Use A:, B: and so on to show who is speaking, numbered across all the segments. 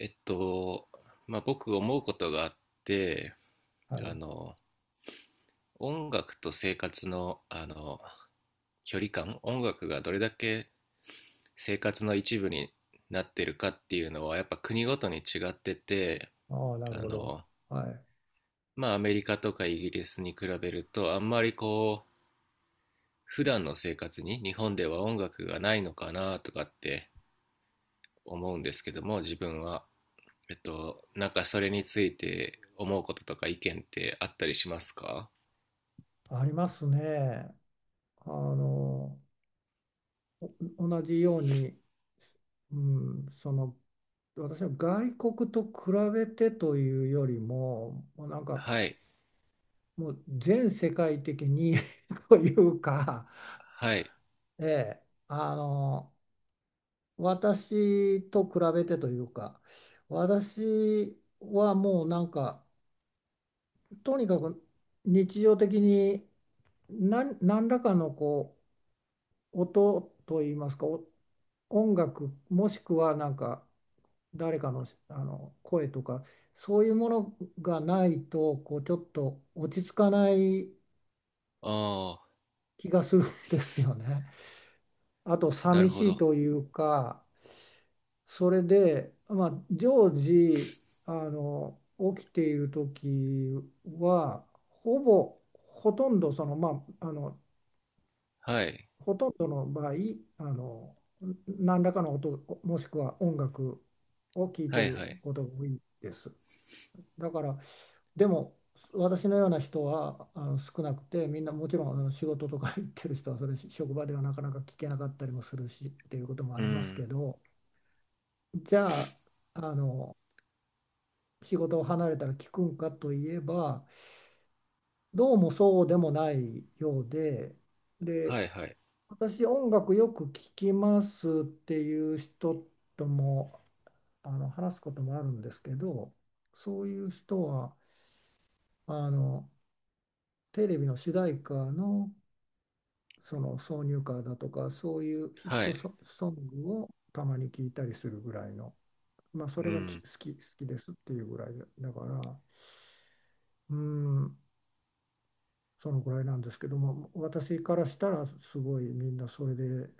A: えっと、僕思うことがあって、
B: は
A: あ
B: い。
A: の、音楽と生活の、距離感、音楽がどれだけ生活の一部になってるかっていうのは、やっぱ国ごとに違ってて、
B: ああ、なる
A: あ
B: ほど。
A: の、
B: はい。
A: アメリカとかイギリスに比べると、あんまり、普段の生活に日本では音楽がないのかなとかって思うんですけども、自分は。なんかそれについて思うこととか意見ってあったりしますか？
B: ありますね。あの、同じように、うん、その、私は外国と比べてというよりも、もうなんか、
A: はい。
B: もう全世界的に というか、
A: はい。
B: ええ、あの、私と比べてというか、私はもうなんか、とにかく日常的に何らかのこう、音といいますか、音楽もしくはなんか誰かの、あの声とかそういうものがないとこうちょっと落ち着かない
A: ああ、
B: 気がするんですよね。あと
A: なる
B: 寂
A: ほ
B: しい
A: ど。
B: というか、それで、まあ、常時あの起きている時はほぼほとんどその、
A: はい。
B: ほとんどの場合、あの、何らかの音、もしくは音楽を聴いて
A: はい
B: る
A: はい。
B: ことが多いです。だから、でも、私のような人はあの少なくて、みんなもちろんあの仕事とか 行ってる人は、それ職場ではなかなか聞けなかったりもするしっていうこともあ
A: う
B: りますけ
A: ん。
B: ど、じゃあ、あの、仕事を離れたら聞くんかといえば、どうもそうでもないようで、で、
A: はいはい。
B: 私、音楽よく聴きますっていう人とも、あの話すこともあるんですけど、そういう人はあのテレビの主題歌の、その挿入歌だとか、そういうヒッ
A: は
B: ト
A: い。
B: ソ、ソングをたまに聴いたりするぐらいの、まあ、そ
A: う
B: れがき
A: ん。
B: 好き、好きですっていうぐらいだ、だから、うん、そのぐらいなんですけども、私からしたらすごいみんなそれで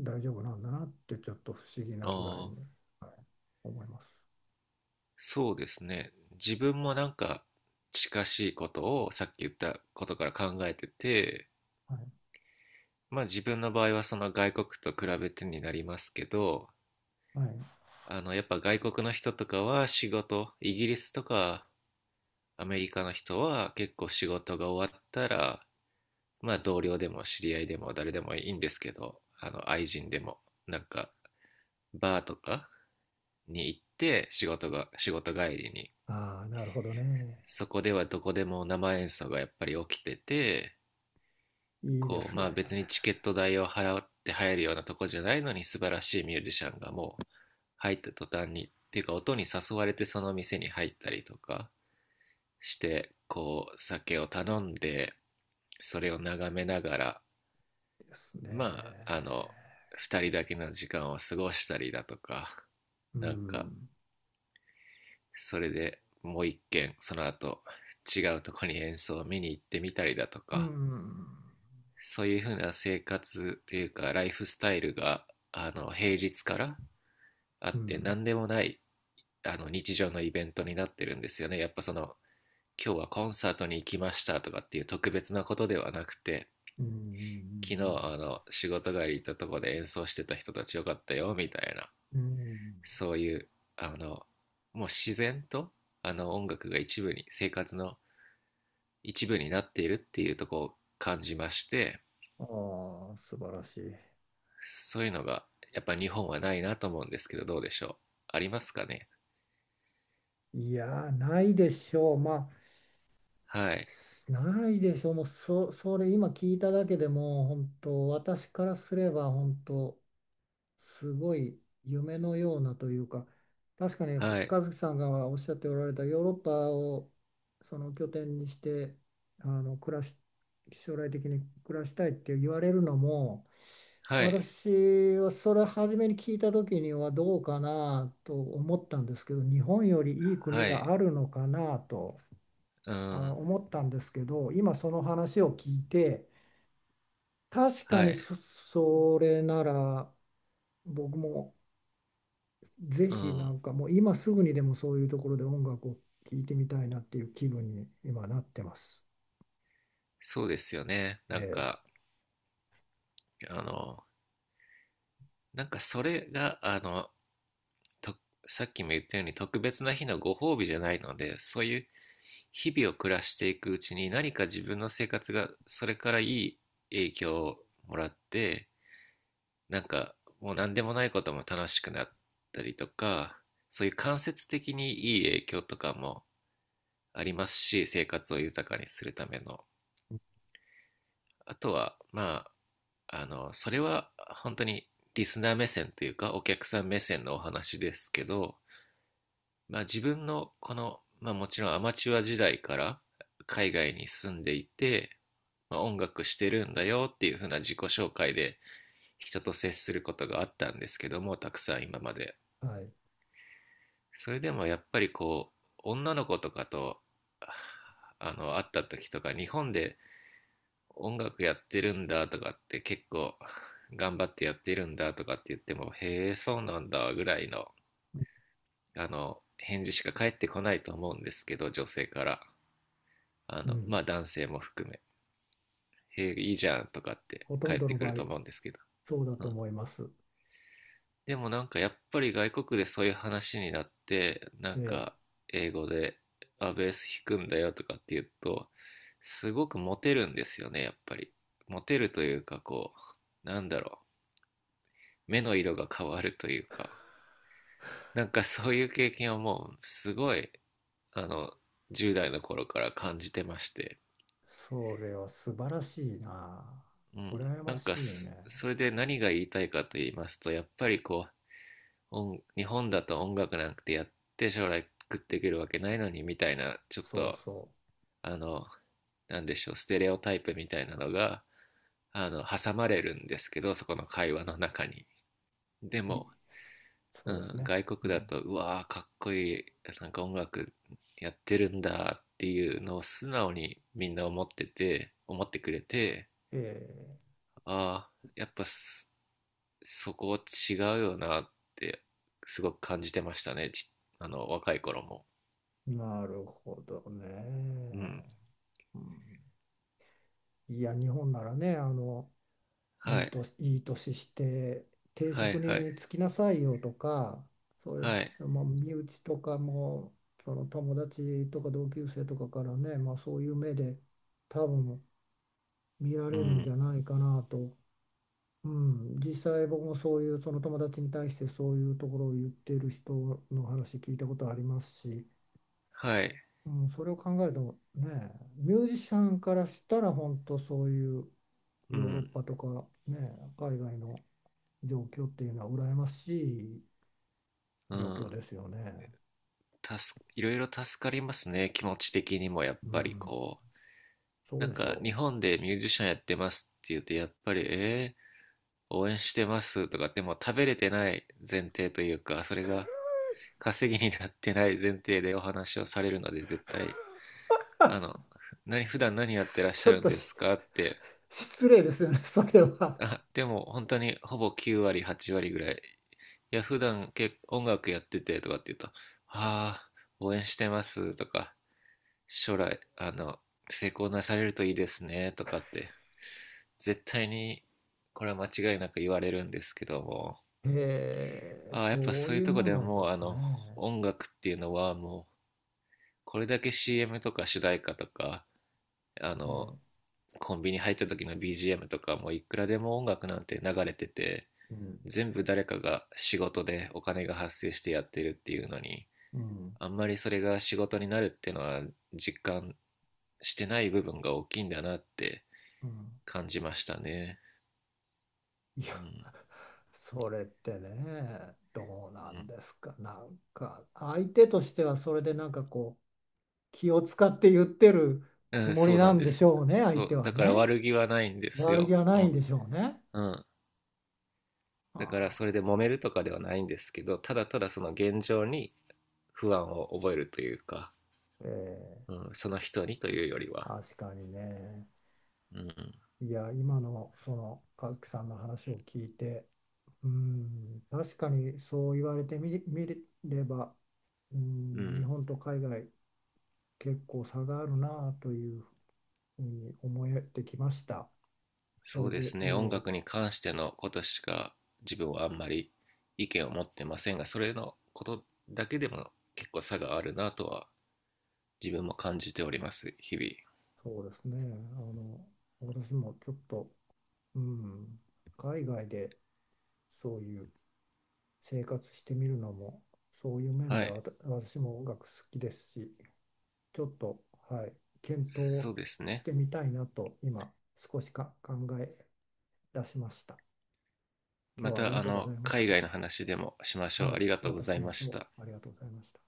B: 大丈夫なんだなってちょっと不思議なぐらい
A: ああ、
B: に、はい、思います。
A: そうですね。自分もなんか近しいことをさっき言ったことから考えてて、
B: はい。
A: まあ自分の場合はその外国と比べてになりますけど、
B: はい。
A: やっぱ外国の人とかは仕事、イギリスとかアメリカの人は結構仕事が終わったら、まあ同僚でも知り合いでも誰でもいいんですけど、あの愛人でも、なんかバーとかに行って仕事帰りに、
B: ああ、なるほどね。
A: そこではどこでも生演奏がやっぱり起きてて、
B: いいで
A: こう、
B: す
A: ま
B: ね。
A: あ別にチケット代を払って入るようなとこじゃないのに素晴らしいミュージシャンがもう入った途端に、っていうか音に誘われてその店に入ったりとかして、こう酒を頼んで、それを眺めながら、
B: いいです
A: まあ、あの、
B: ね。
A: 二人だけの時間を過ごしたりだとか、
B: う
A: なんか、
B: ん。
A: それでもう一軒、その後、違うとこに演奏を見に行ってみたりだと
B: う
A: か、
B: ん。
A: そういうふうな生活というか、ライフスタイルが、平日からあ
B: う
A: って、
B: ん。
A: 何でもない、日常のイベントになってるんですよね。やっぱその、今日はコンサートに行きましたとかっていう特別なことではなくて、
B: う
A: 昨日
B: ん。
A: あの仕事帰り行ったとこで演奏してた人たちよかったよみたいな、
B: うん。
A: そういうあのもう自然と音楽が一部に生活の一部になっているっていうところを感じまして、
B: ああ、素晴らしい。
A: そういうのがやっぱ日本はないなと思うんですけど、どうでしょう、ありますかね？
B: いやー、ないでしょう。まあ、
A: はい
B: ないでしょう、それ今聞いただけでも本当、私からすれば本当、すごい夢のようなというか、確かに
A: はい。
B: 和樹さんがおっしゃっておられたヨーロッパをその拠点にして、あの暮らし、将来的に暮らしたいって言われるのも、
A: はい
B: 私はそれ初めに聞いた時にはどうかなと思ったんですけど、日本よりいい
A: は
B: 国
A: い。
B: があるのかなと。
A: うん。
B: 思ったんですけど、今その話を聞いて、確か
A: は
B: に
A: い。
B: そ、それなら僕もぜ
A: う
B: ひな
A: ん。
B: んかもう今すぐにでもそういうところで音楽を聴いてみたいなっていう気分に今なってます。
A: そうですよね。
B: え
A: あのなんかそれがあのとさっきも言ったように特別な日のご褒美じゃないので、そういう日々を暮らしていくうちに何か自分の生活がそれからいい影響をもらって、なんかもう何でもないことも楽しくなったりとか、そういう間接的にいい影響とかもありますし、生活を豊かにするための、あとはまあそれは本当にリスナー目線というかお客さん目線のお話ですけど、まあ自分のこの、まあもちろんアマチュア時代から海外に住んでいて、まあ、音楽してるんだよっていう風な自己紹介で人と接することがあったんですけども、たくさん今まで。
B: はい。
A: それでもやっぱりこう、女の子とかと、会った時とか、日本で音楽やってるんだとかって結構頑張ってやってるんだとかって言っても、へえ、そうなんだぐらいの、返事しか返ってこないと思うんですけど、女性から。
B: うん。
A: まあ男性も含め、へえ、いいじゃんとかって
B: ほと
A: 帰
B: ん
A: っ
B: ど
A: て
B: の
A: く
B: 場
A: る
B: 合
A: と思うんですけど。
B: そうだ
A: う
B: と
A: ん。
B: 思います。
A: でもなんかやっぱり外国でそういう話になって、
B: ええ。
A: 英語で、あ、ベース弾くんだよとかって言うと、すごくモテるんですよね、やっぱり。モテるというか、こう、なんだろう、目の色が変わるというか、なんかそういう経験をもう、すごい、あの、10代の頃から感じてまして。
B: それは素晴らしいな。
A: うん、
B: 羨
A: な
B: ま
A: んか
B: しい
A: す
B: ね。
A: それで何が言いたいかと言いますと、やっぱりこう日本だと音楽なんてやって将来食っていけるわけないのにみたいな、ちょっ
B: そう
A: と
B: そ
A: あのなんでしょう、ステレオタイプみたいなのが挟まれるんですけど、そこの会話の中に。で
B: う。
A: も、
B: そ
A: う
B: うです
A: ん、
B: ね。
A: 外
B: う
A: 国だ
B: ん。
A: と、うわーかっこいい、なんか音楽やってるんだっていうのを素直に、みんな思ってて思ってくれて、
B: ええ。
A: ああー、やっぱすそこ違うよなってすごく感じてましたね。あの若い頃も、
B: なるほど
A: う
B: ね。
A: ん。
B: うん、いや、日本ならね、あの、
A: はい
B: いい年して、定
A: は
B: 職
A: い。
B: に
A: はい
B: 就きなさいよとか、そういう、
A: はい。
B: その身内とかも、その友達とか同級生とかからね、まあ、そういう目で多分見ら
A: う
B: れるんじ
A: ん。
B: ゃないかなと。うん、実際僕もそういうその友達に対してそういうところを言っている人の話聞いたことありますし、
A: はい。
B: うん、それを考えるとね、ミュージシャンからしたら本当そういう
A: う
B: ヨーロッ
A: ん。
B: パとかね、海外の状況っていうのは羨ましい
A: う
B: 状況
A: ん。
B: ですよね。
A: いろいろ助かりますね、気持ち的にも。やっ
B: う
A: ぱり
B: ん、そ
A: な
B: う
A: ん
B: でし
A: か
B: ょ
A: 日
B: う。
A: 本でミュージシャンやってますって言うと、やっぱりえー、応援してますとか、でも食べれてない前提というか、それが稼ぎになってない前提でお話をされるので絶対、あの、何、普段何やってらっし
B: ち
A: ゃ
B: ょっ
A: るん
B: と
A: です
B: し
A: かって、
B: 失礼ですよね、それは。
A: あ、でも本当にほぼ9割、8割ぐらい、いや、普段、音楽やっててとかって言うと、ああ、応援してますとか、将来、成功なされるといいですねとかって、絶対に、これは間違いなく言われるんですけども、
B: えー、
A: ああ、やっぱ
B: そう
A: そうい
B: い
A: う
B: う
A: とこ
B: もん
A: で
B: なん
A: も
B: で
A: う、
B: すね。
A: 音楽っていうのはもう、これだけ CM とか主題歌とか、あ
B: え
A: の、
B: ー、
A: コンビニ入った時の BGM とかもいくらでも音楽なんて流れてて、
B: うん、
A: 全部誰かが仕事でお金が発生してやってるっていうのに、
B: うん、
A: あんまりそれが仕事になるっていうのは実感してない部分が大きいんだなって
B: うん。
A: 感じましたね。
B: いや、
A: うん。
B: それってね、どうなんですか。なんか、相手としてはそれでなんかこう、気を使って言ってる
A: うん、
B: つ
A: うん、
B: もり
A: そうな
B: な
A: ん
B: ん
A: で
B: でし
A: す。
B: ょうね、相
A: そ
B: 手
A: う
B: は
A: だから
B: ね。
A: 悪気はないんです
B: 悪気
A: よ。
B: は
A: う
B: ないん
A: ん。
B: でしょうね。
A: うん、
B: あ
A: だから
B: あ、
A: それで揉めるとかではないんですけど、ただただその現状に不安を覚えるというか、
B: ええ、
A: うん、その人にというよりは。
B: 確かにね。
A: うん。
B: いや、今のその和樹さんの話を聞いて、うん、確かにそう言われて見れば、う
A: う
B: ん、日
A: ん、
B: 本と海外結構差があるなというふうに思えてきました。そ
A: そ
B: れ
A: うで
B: で、
A: すね。音
B: ええ、
A: 楽に関してのことしか自分はあんまり意見を持ってませんが、それのことだけでも結構差があるなとは自分も感じております、日々。
B: そうですね。あの、私もちょっと、うん、海外でそういう生活してみるのも、そういう面
A: は
B: で
A: い、
B: は私も音楽好きですし、ちょっと、はい、検討
A: そうです
B: し
A: ね。
B: てみたいなと今少し考え出しました。今
A: ま
B: 日はあり
A: た
B: が
A: あ
B: とうござ
A: の
B: いまし
A: 海
B: た。
A: 外の話でもしましょ
B: は
A: う。あ
B: い、
A: りがと
B: ま
A: うご
B: た
A: ざ
B: し
A: い
B: ま
A: ま
B: し
A: し
B: ょ
A: た。
B: う。ありがとうございました。